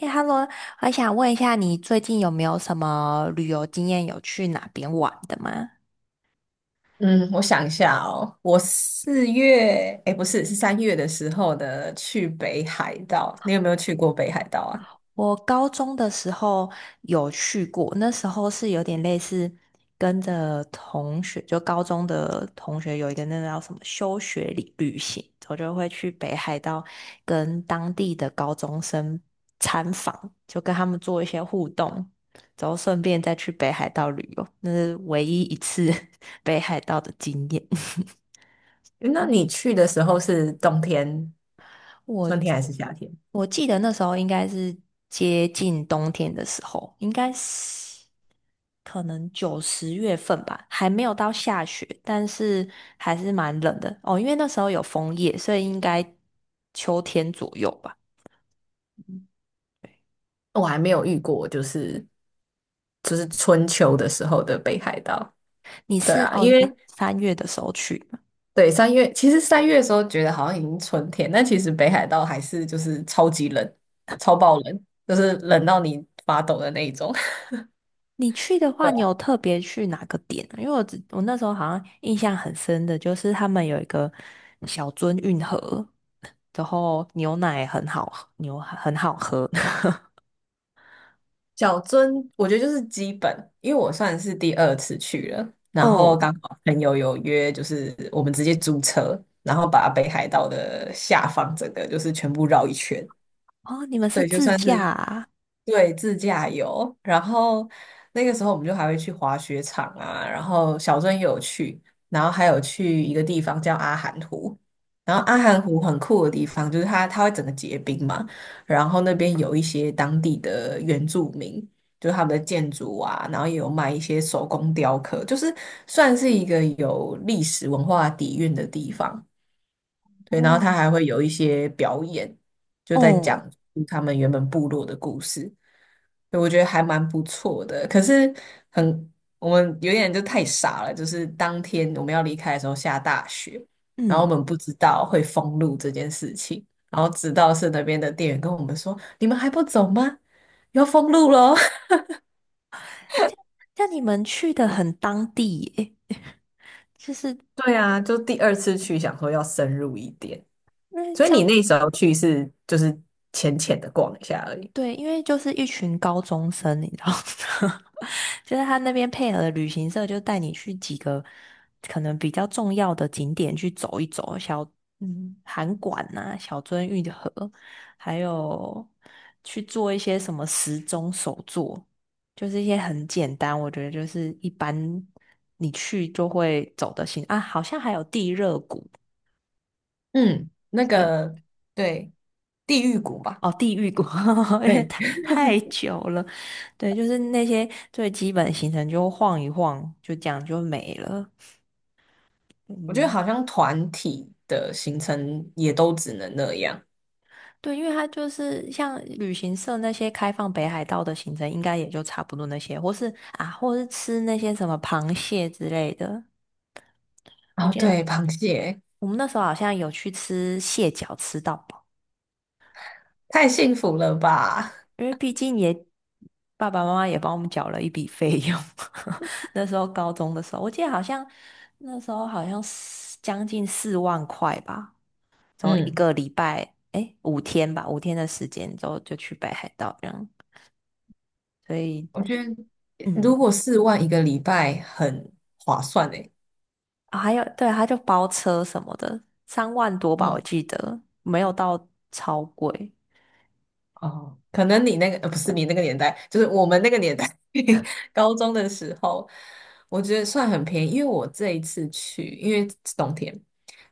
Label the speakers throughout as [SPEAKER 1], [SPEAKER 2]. [SPEAKER 1] 哎 h e l l o 我想问一下，你最近有没有什么旅游经验？有去哪边玩的吗？
[SPEAKER 2] 嗯，我想一下哦，我四月，哎，不是，是三月的时候的去北海道。你有没有去过北海道啊？
[SPEAKER 1] 我高中的时候有去过，那时候是有点类似跟着同学，就高中的同学有一个那个叫什么休学旅行，我就会去北海道跟当地的高中生参访，就跟他们做一些互动，然后顺便再去北海道旅游，那是唯一一次 北海道的经验。
[SPEAKER 2] 诶那你去的时候是冬天、春天
[SPEAKER 1] 我
[SPEAKER 2] 还是夏天？
[SPEAKER 1] 我记得那时候应该是接近冬天的时候，应该是可能九十月份吧，还没有到下雪，但是还是蛮冷的哦。因为那时候有枫叶，所以应该秋天左右吧。
[SPEAKER 2] 我还没有遇过，就是春秋的时候的北海道。
[SPEAKER 1] 你
[SPEAKER 2] 对
[SPEAKER 1] 是
[SPEAKER 2] 啊，因
[SPEAKER 1] 哦，
[SPEAKER 2] 为
[SPEAKER 1] 你三月的时候去，
[SPEAKER 2] 对三月，其实三月的时候觉得好像已经春天，但其实北海道还是就是超级冷，超爆冷，就是冷到你发抖的那一种。
[SPEAKER 1] 你去的话，你有特别去哪个点啊因为我那时候好像印象很深的，就是他们有一个小樽运河，然后牛奶很好喝牛很好喝。
[SPEAKER 2] 小樽，我觉得就是基本，因为我算是第二次去了，然后
[SPEAKER 1] 哦
[SPEAKER 2] 刚好朋友有约，就是我们直接租车，然后把北海道的下方整个就是全部绕一圈，
[SPEAKER 1] 哦，你们是
[SPEAKER 2] 对，就
[SPEAKER 1] 自
[SPEAKER 2] 算
[SPEAKER 1] 驾
[SPEAKER 2] 是
[SPEAKER 1] 啊？
[SPEAKER 2] 对，自驾游。然后那个时候我们就还会去滑雪场啊，然后小镇也有去，然后还有去一个地方叫阿寒湖。然后阿寒湖很酷的地方就是它会整个结冰嘛，然后那边有一些当地的原住民，就是他们的建筑啊，然后也有卖一些手工雕刻，就是算是一个有历史文化底蕴的地方。对，然后
[SPEAKER 1] 哦，
[SPEAKER 2] 他还会有一些表演，就在
[SPEAKER 1] 哦，
[SPEAKER 2] 讲述他们原本部落的故事，对，我觉得还蛮不错的。可是很，我们有点就太傻了，就是当天我们要离开的时候下大雪，然后我
[SPEAKER 1] 嗯，
[SPEAKER 2] 们不知道会封路这件事情，然后直到是那边的店员跟我们说：“你们还不走吗？要封路喽！”
[SPEAKER 1] 那你们去的很当地耶，就是
[SPEAKER 2] 对啊，就第二次去想说要深入一点，所以你那时候去是就是浅浅的逛一下而已。
[SPEAKER 1] 对，因为就是一群高中生，你知道吗，就是他那边配合的旅行社就带你去几个可能比较重要的景点去走一走，函馆呐、小樽运河，还有去做一些什么时钟手作，就是一些很简单，我觉得就是一般你去就会走的行啊，好像还有地热谷。
[SPEAKER 2] 嗯，那
[SPEAKER 1] 对。
[SPEAKER 2] 个对，地狱谷吧，
[SPEAKER 1] 哦，地狱国，因为
[SPEAKER 2] 对，
[SPEAKER 1] 太久了，对，就是那些最基本的行程就晃一晃，就这样就没了。
[SPEAKER 2] 我觉得
[SPEAKER 1] 嗯，
[SPEAKER 2] 好像团体的行程也都只能那样。
[SPEAKER 1] 对，因为它就是像旅行社那些开放北海道的行程，应该也就差不多那些，或是啊，或是吃那些什么螃蟹之类的。我
[SPEAKER 2] 哦，
[SPEAKER 1] 记得
[SPEAKER 2] 对，螃蟹
[SPEAKER 1] 我们那时候好像有去吃蟹脚，
[SPEAKER 2] 太幸福了吧？
[SPEAKER 1] 因为毕竟也爸爸妈妈也帮我们缴了一笔费用，那时候高中的时候，我记得好像那时候好像是将近四万块吧，然后一
[SPEAKER 2] 嗯，
[SPEAKER 1] 个礼拜，诶，五天吧，五天的时间之后就去北海道这样，所以
[SPEAKER 2] 我觉得
[SPEAKER 1] 嗯，
[SPEAKER 2] 如果4万一个礼拜很划算诶。
[SPEAKER 1] 啊还有对，他就包车什么的，三万多吧，我
[SPEAKER 2] 嗯
[SPEAKER 1] 记得没有到超贵，
[SPEAKER 2] 哦，可能你那个，不是你那个年代，就是我们那个年代，高中的时候，我觉得算很便宜，因为我这一次去，因为是冬天，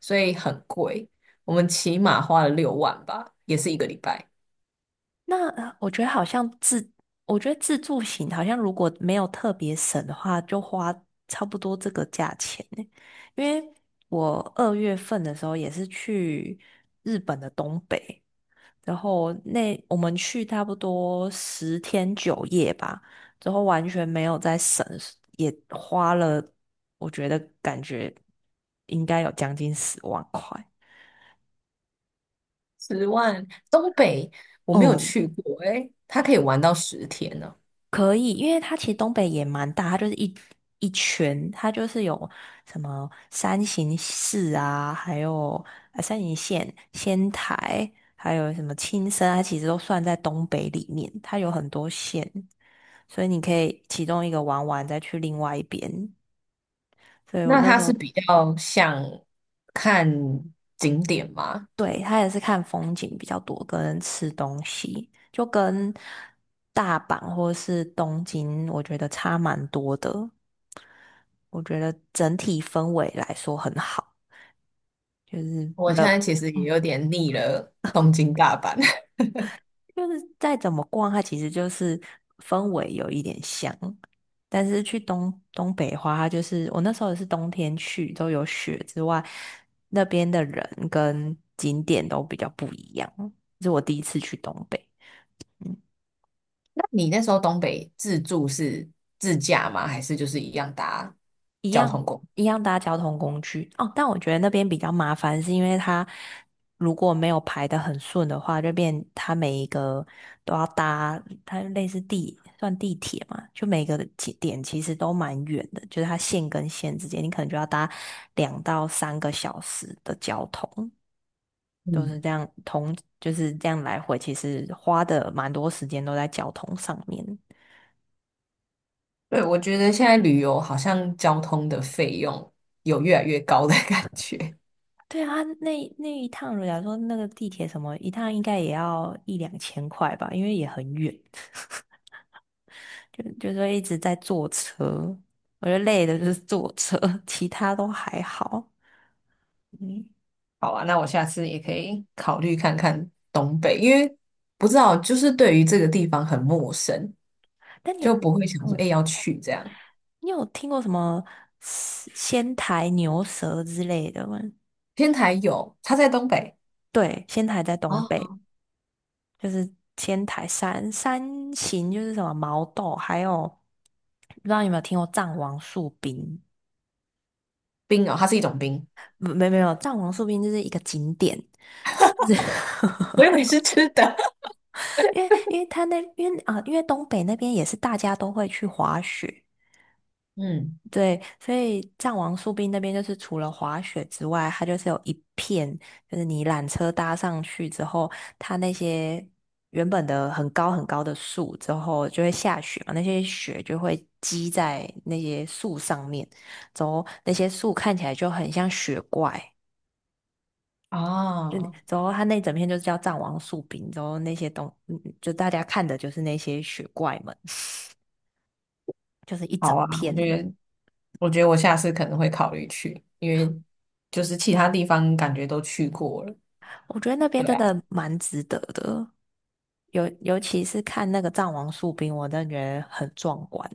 [SPEAKER 2] 所以很贵，我们起码花了6万吧，也是一个礼拜，
[SPEAKER 1] 那我觉得好像自，我觉得自助型好像如果没有特别省的话，就花差不多这个价钱呢。因为我二月份的时候也是去日本的东北，然后那我们去差不多十天九夜吧，之后完全没有在省，也花了，我觉得感觉应该有将近十万块。
[SPEAKER 2] 10万。东北我没有
[SPEAKER 1] 嗯，
[SPEAKER 2] 去过，诶，它可以玩到10天呢。
[SPEAKER 1] 可以，因为它其实东北也蛮大，它就是一圈，它就是有什么三形市啊，还有山形县、仙台，还有什么青森，它其实都算在东北里面，它有很多县，所以你可以其中一个玩完再去另外一边。所以我
[SPEAKER 2] 那
[SPEAKER 1] 那
[SPEAKER 2] 它
[SPEAKER 1] 时
[SPEAKER 2] 是
[SPEAKER 1] 候
[SPEAKER 2] 比较像看景点吗？
[SPEAKER 1] 对，他也是看风景比较多，跟吃东西，就跟大阪或是东京，我觉得差蛮多的。我觉得整体氛围来说很好，就是
[SPEAKER 2] 我现
[SPEAKER 1] 冷，
[SPEAKER 2] 在其实也有点腻了东京大阪。
[SPEAKER 1] 就是再怎么逛，它其实就是氛围有一点像，但是去东北花，它就是我那时候也是冬天去，都有雪之外，那边的人跟景点都比较不一样，这是我第一次去东北。
[SPEAKER 2] 那你那时候东北自助是自驾吗？还是就是一样搭交通工具？
[SPEAKER 1] 一样搭交通工具哦，但我觉得那边比较麻烦，是因为它如果没有排得很顺的话，就变它每一个都要搭，它类似地算地铁嘛，就每个起点其实都蛮远的，就是它线跟线之间，你可能就要搭两到三个小时的交通，都
[SPEAKER 2] 嗯，
[SPEAKER 1] 是这样同就是这样来回，其实花的蛮多时间都在交通上面。
[SPEAKER 2] 对，我觉得现在旅游好像交通的费用有越来越高的感觉。
[SPEAKER 1] 对啊，那那一趟，假如说那个地铁什么一趟，应该也要一两千块吧，因为也很远，就就说一直在坐车，我觉得累的就是坐车，其他都还好。嗯，
[SPEAKER 2] 好啊，那我下次也可以考虑看看东北，因为不知道就是对于这个地方很陌生，
[SPEAKER 1] 但你
[SPEAKER 2] 就
[SPEAKER 1] 有，
[SPEAKER 2] 不会想说
[SPEAKER 1] 嗯，
[SPEAKER 2] 哎、要去这样。
[SPEAKER 1] 你有听过什么仙台牛舌之类的吗？
[SPEAKER 2] 天台有，它在东北
[SPEAKER 1] 对，仙台在东
[SPEAKER 2] 哦，
[SPEAKER 1] 北，就是仙台山山形，就是什么毛豆，还有不知道你有没有听过藏王树冰，
[SPEAKER 2] 冰哦，它是一种冰，
[SPEAKER 1] 没有，藏王树冰就是一个景点，就是
[SPEAKER 2] 我以为 是吃的。
[SPEAKER 1] 因为因为啊、因为东北那边也是大家都会去滑雪，
[SPEAKER 2] 嗯，
[SPEAKER 1] 对，所以藏王树冰那边就是除了滑雪之外，它就是有一片，就是你缆车搭上去之后，它那些原本的很高很高的树之后就会下雪嘛，那些雪就会积在那些树上面，之后那些树看起来就很像雪怪。就
[SPEAKER 2] 哦，
[SPEAKER 1] 之后，他那整片就是叫《藏王树冰》，之后那些东，嗯就大家看的就是那些雪怪们，就是一整
[SPEAKER 2] 好啊，我觉
[SPEAKER 1] 片。
[SPEAKER 2] 得。我觉得我下次可能会考虑去，因为就是其他地方感觉都去过了。
[SPEAKER 1] 我觉得那边
[SPEAKER 2] 对
[SPEAKER 1] 真
[SPEAKER 2] 啊，
[SPEAKER 1] 的蛮值得的，尤其是看那个藏王树冰，我真的觉得很壮观。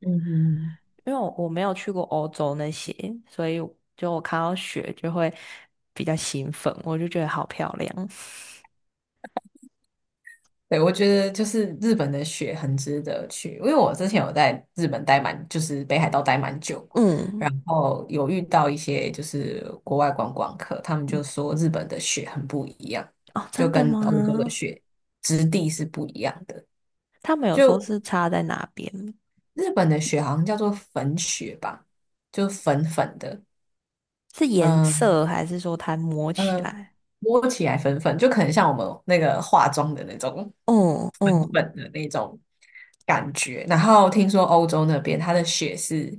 [SPEAKER 2] 嗯哼，
[SPEAKER 1] 因为我没有去过欧洲那些，所以就我看到雪就会比较兴奋，我就觉得好漂亮。
[SPEAKER 2] 对，我觉得就是日本的雪很值得去，因为我之前有在日本待蛮，就是北海道待蛮久，
[SPEAKER 1] 嗯，
[SPEAKER 2] 然后有遇到一些就是国外观光客，他们就说日本的雪很不一样，
[SPEAKER 1] 哦，
[SPEAKER 2] 就
[SPEAKER 1] 真的
[SPEAKER 2] 跟欧洲的
[SPEAKER 1] 吗？
[SPEAKER 2] 雪质地是不一样的。
[SPEAKER 1] 他们有说
[SPEAKER 2] 就
[SPEAKER 1] 是差在哪边？
[SPEAKER 2] 日本的雪好像叫做粉雪吧，就粉粉的，
[SPEAKER 1] 是颜
[SPEAKER 2] 嗯。
[SPEAKER 1] 色，还是说它摸起
[SPEAKER 2] 嗯，
[SPEAKER 1] 来？
[SPEAKER 2] 摸起来粉粉，就可能像我们那个化妆的那种
[SPEAKER 1] 哦
[SPEAKER 2] 粉
[SPEAKER 1] 哦
[SPEAKER 2] 粉的那种感觉。然后听说欧洲那边它的雪是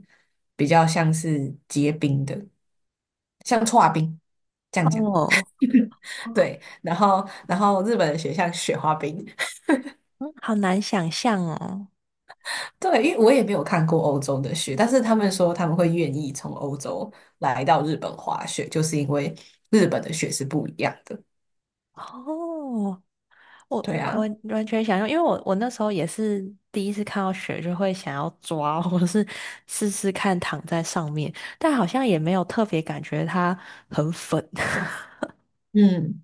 [SPEAKER 2] 比较像是结冰的，像搓冰这样讲。
[SPEAKER 1] 哦哦，
[SPEAKER 2] 对，然后日本的雪像雪花冰，
[SPEAKER 1] 嗯好难想象哦。
[SPEAKER 2] 对，因为我也没有看过欧洲的雪，但是他们说他们会愿意从欧洲来到日本滑雪，就是因为日本的雪是不一样的。
[SPEAKER 1] 哦，我
[SPEAKER 2] 对
[SPEAKER 1] 我
[SPEAKER 2] 啊，
[SPEAKER 1] 完全想象，因为我那时候也是第一次看到雪，就会想要抓，或者是试试看躺在上面，但好像也没有特别感觉它很粉。
[SPEAKER 2] 嗯。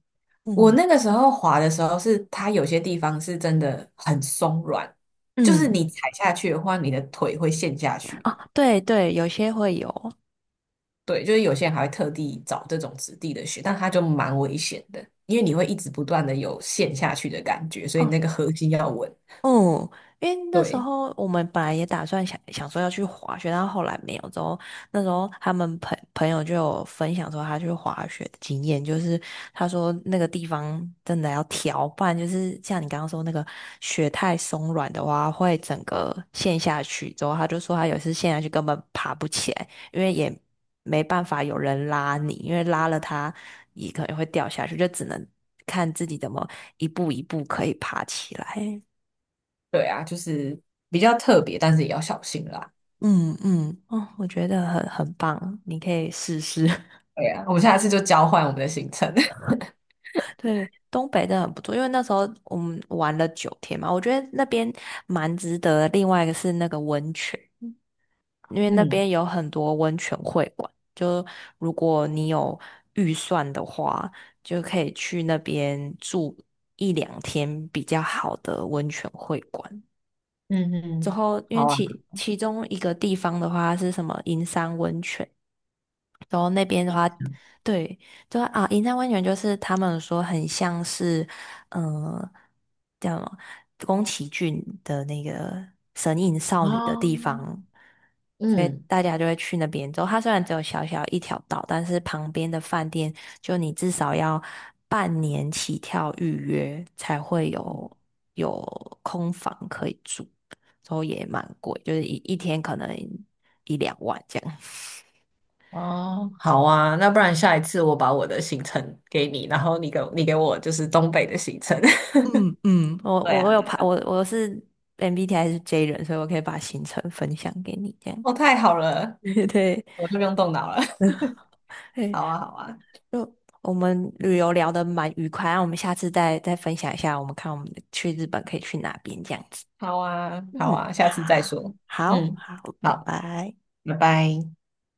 [SPEAKER 2] 我
[SPEAKER 1] 嗯
[SPEAKER 2] 那个时候滑的时候是，它有些地方是真的很松软，就是
[SPEAKER 1] 嗯，
[SPEAKER 2] 你踩下去的话，你的腿会陷下去。
[SPEAKER 1] 哦，对对，有些会有。
[SPEAKER 2] 对，就是有些人还会特地找这种质地的雪，但它就蛮危险的，因为你会一直不断的有陷下去的感觉，所以你
[SPEAKER 1] 哦，
[SPEAKER 2] 那个核心要稳。
[SPEAKER 1] 哦，因为那时
[SPEAKER 2] 对，
[SPEAKER 1] 候我们本来也打算想想说要去滑雪，但后来没有。之后那时候他们朋友就有分享说他去滑雪的经验，就是他说那个地方真的要调，不然就是像你刚刚说那个雪太松软的话，会整个陷下去。之后他就说他有一次陷下去根本爬不起来，因为也没办法有人拉你，因为拉了他也可能会掉下去，就只能看自己怎么一步一步可以爬起来。
[SPEAKER 2] 对啊，就是比较特别，但是也要小心啦。
[SPEAKER 1] 嗯嗯，哦，我觉得很棒，你可以试试。
[SPEAKER 2] 对啊，我们下次就交换我们的行程。
[SPEAKER 1] 对，东北真的很不错，因为那时候我们玩了九天嘛，我觉得那边蛮值得的另外一个是那个温泉，因为那
[SPEAKER 2] 嗯
[SPEAKER 1] 边有很多温泉会馆，就如果你有预算的话，就可以去那边住一两天比较好的温泉会馆。
[SPEAKER 2] 嗯
[SPEAKER 1] 之
[SPEAKER 2] 嗯，
[SPEAKER 1] 后，因为
[SPEAKER 2] 好啊。
[SPEAKER 1] 其中一个地方的话是什么银山温泉。然后那边的话，对，就啊，银山温泉就是他们说很像是，嗯、叫什么宫崎骏的那个神隐少女的地
[SPEAKER 2] 哦，
[SPEAKER 1] 方，所以
[SPEAKER 2] 嗯。
[SPEAKER 1] 大家就会去那边。之后它虽然只有小小一条道，但是旁边的饭店就你至少要半年起跳预约才会有有空房可以住，之后也蛮贵，就是一天可能一两万这样。
[SPEAKER 2] 哦，好啊，那不然下一次我把我的行程给你，然后你给我就是东北的行程。
[SPEAKER 1] 我
[SPEAKER 2] 对
[SPEAKER 1] 我我
[SPEAKER 2] 啊，
[SPEAKER 1] 有
[SPEAKER 2] 对
[SPEAKER 1] 排
[SPEAKER 2] 啊，
[SPEAKER 1] 我是 MBTI 是 J 人，所以我可以把行程分享给你，这样。
[SPEAKER 2] 哦，太好了，
[SPEAKER 1] 对对，
[SPEAKER 2] 我就不用动脑了。
[SPEAKER 1] 对
[SPEAKER 2] 好啊，好啊，
[SPEAKER 1] 就我们旅游聊得蛮愉快，那我们下次再分享一下，我们看我们去日本可以去哪边这样子。
[SPEAKER 2] 好啊，好
[SPEAKER 1] 嗯，
[SPEAKER 2] 啊，下次再
[SPEAKER 1] 好，
[SPEAKER 2] 说。
[SPEAKER 1] 好，
[SPEAKER 2] 嗯，
[SPEAKER 1] 好，拜
[SPEAKER 2] 好，
[SPEAKER 1] 拜。
[SPEAKER 2] 拜拜。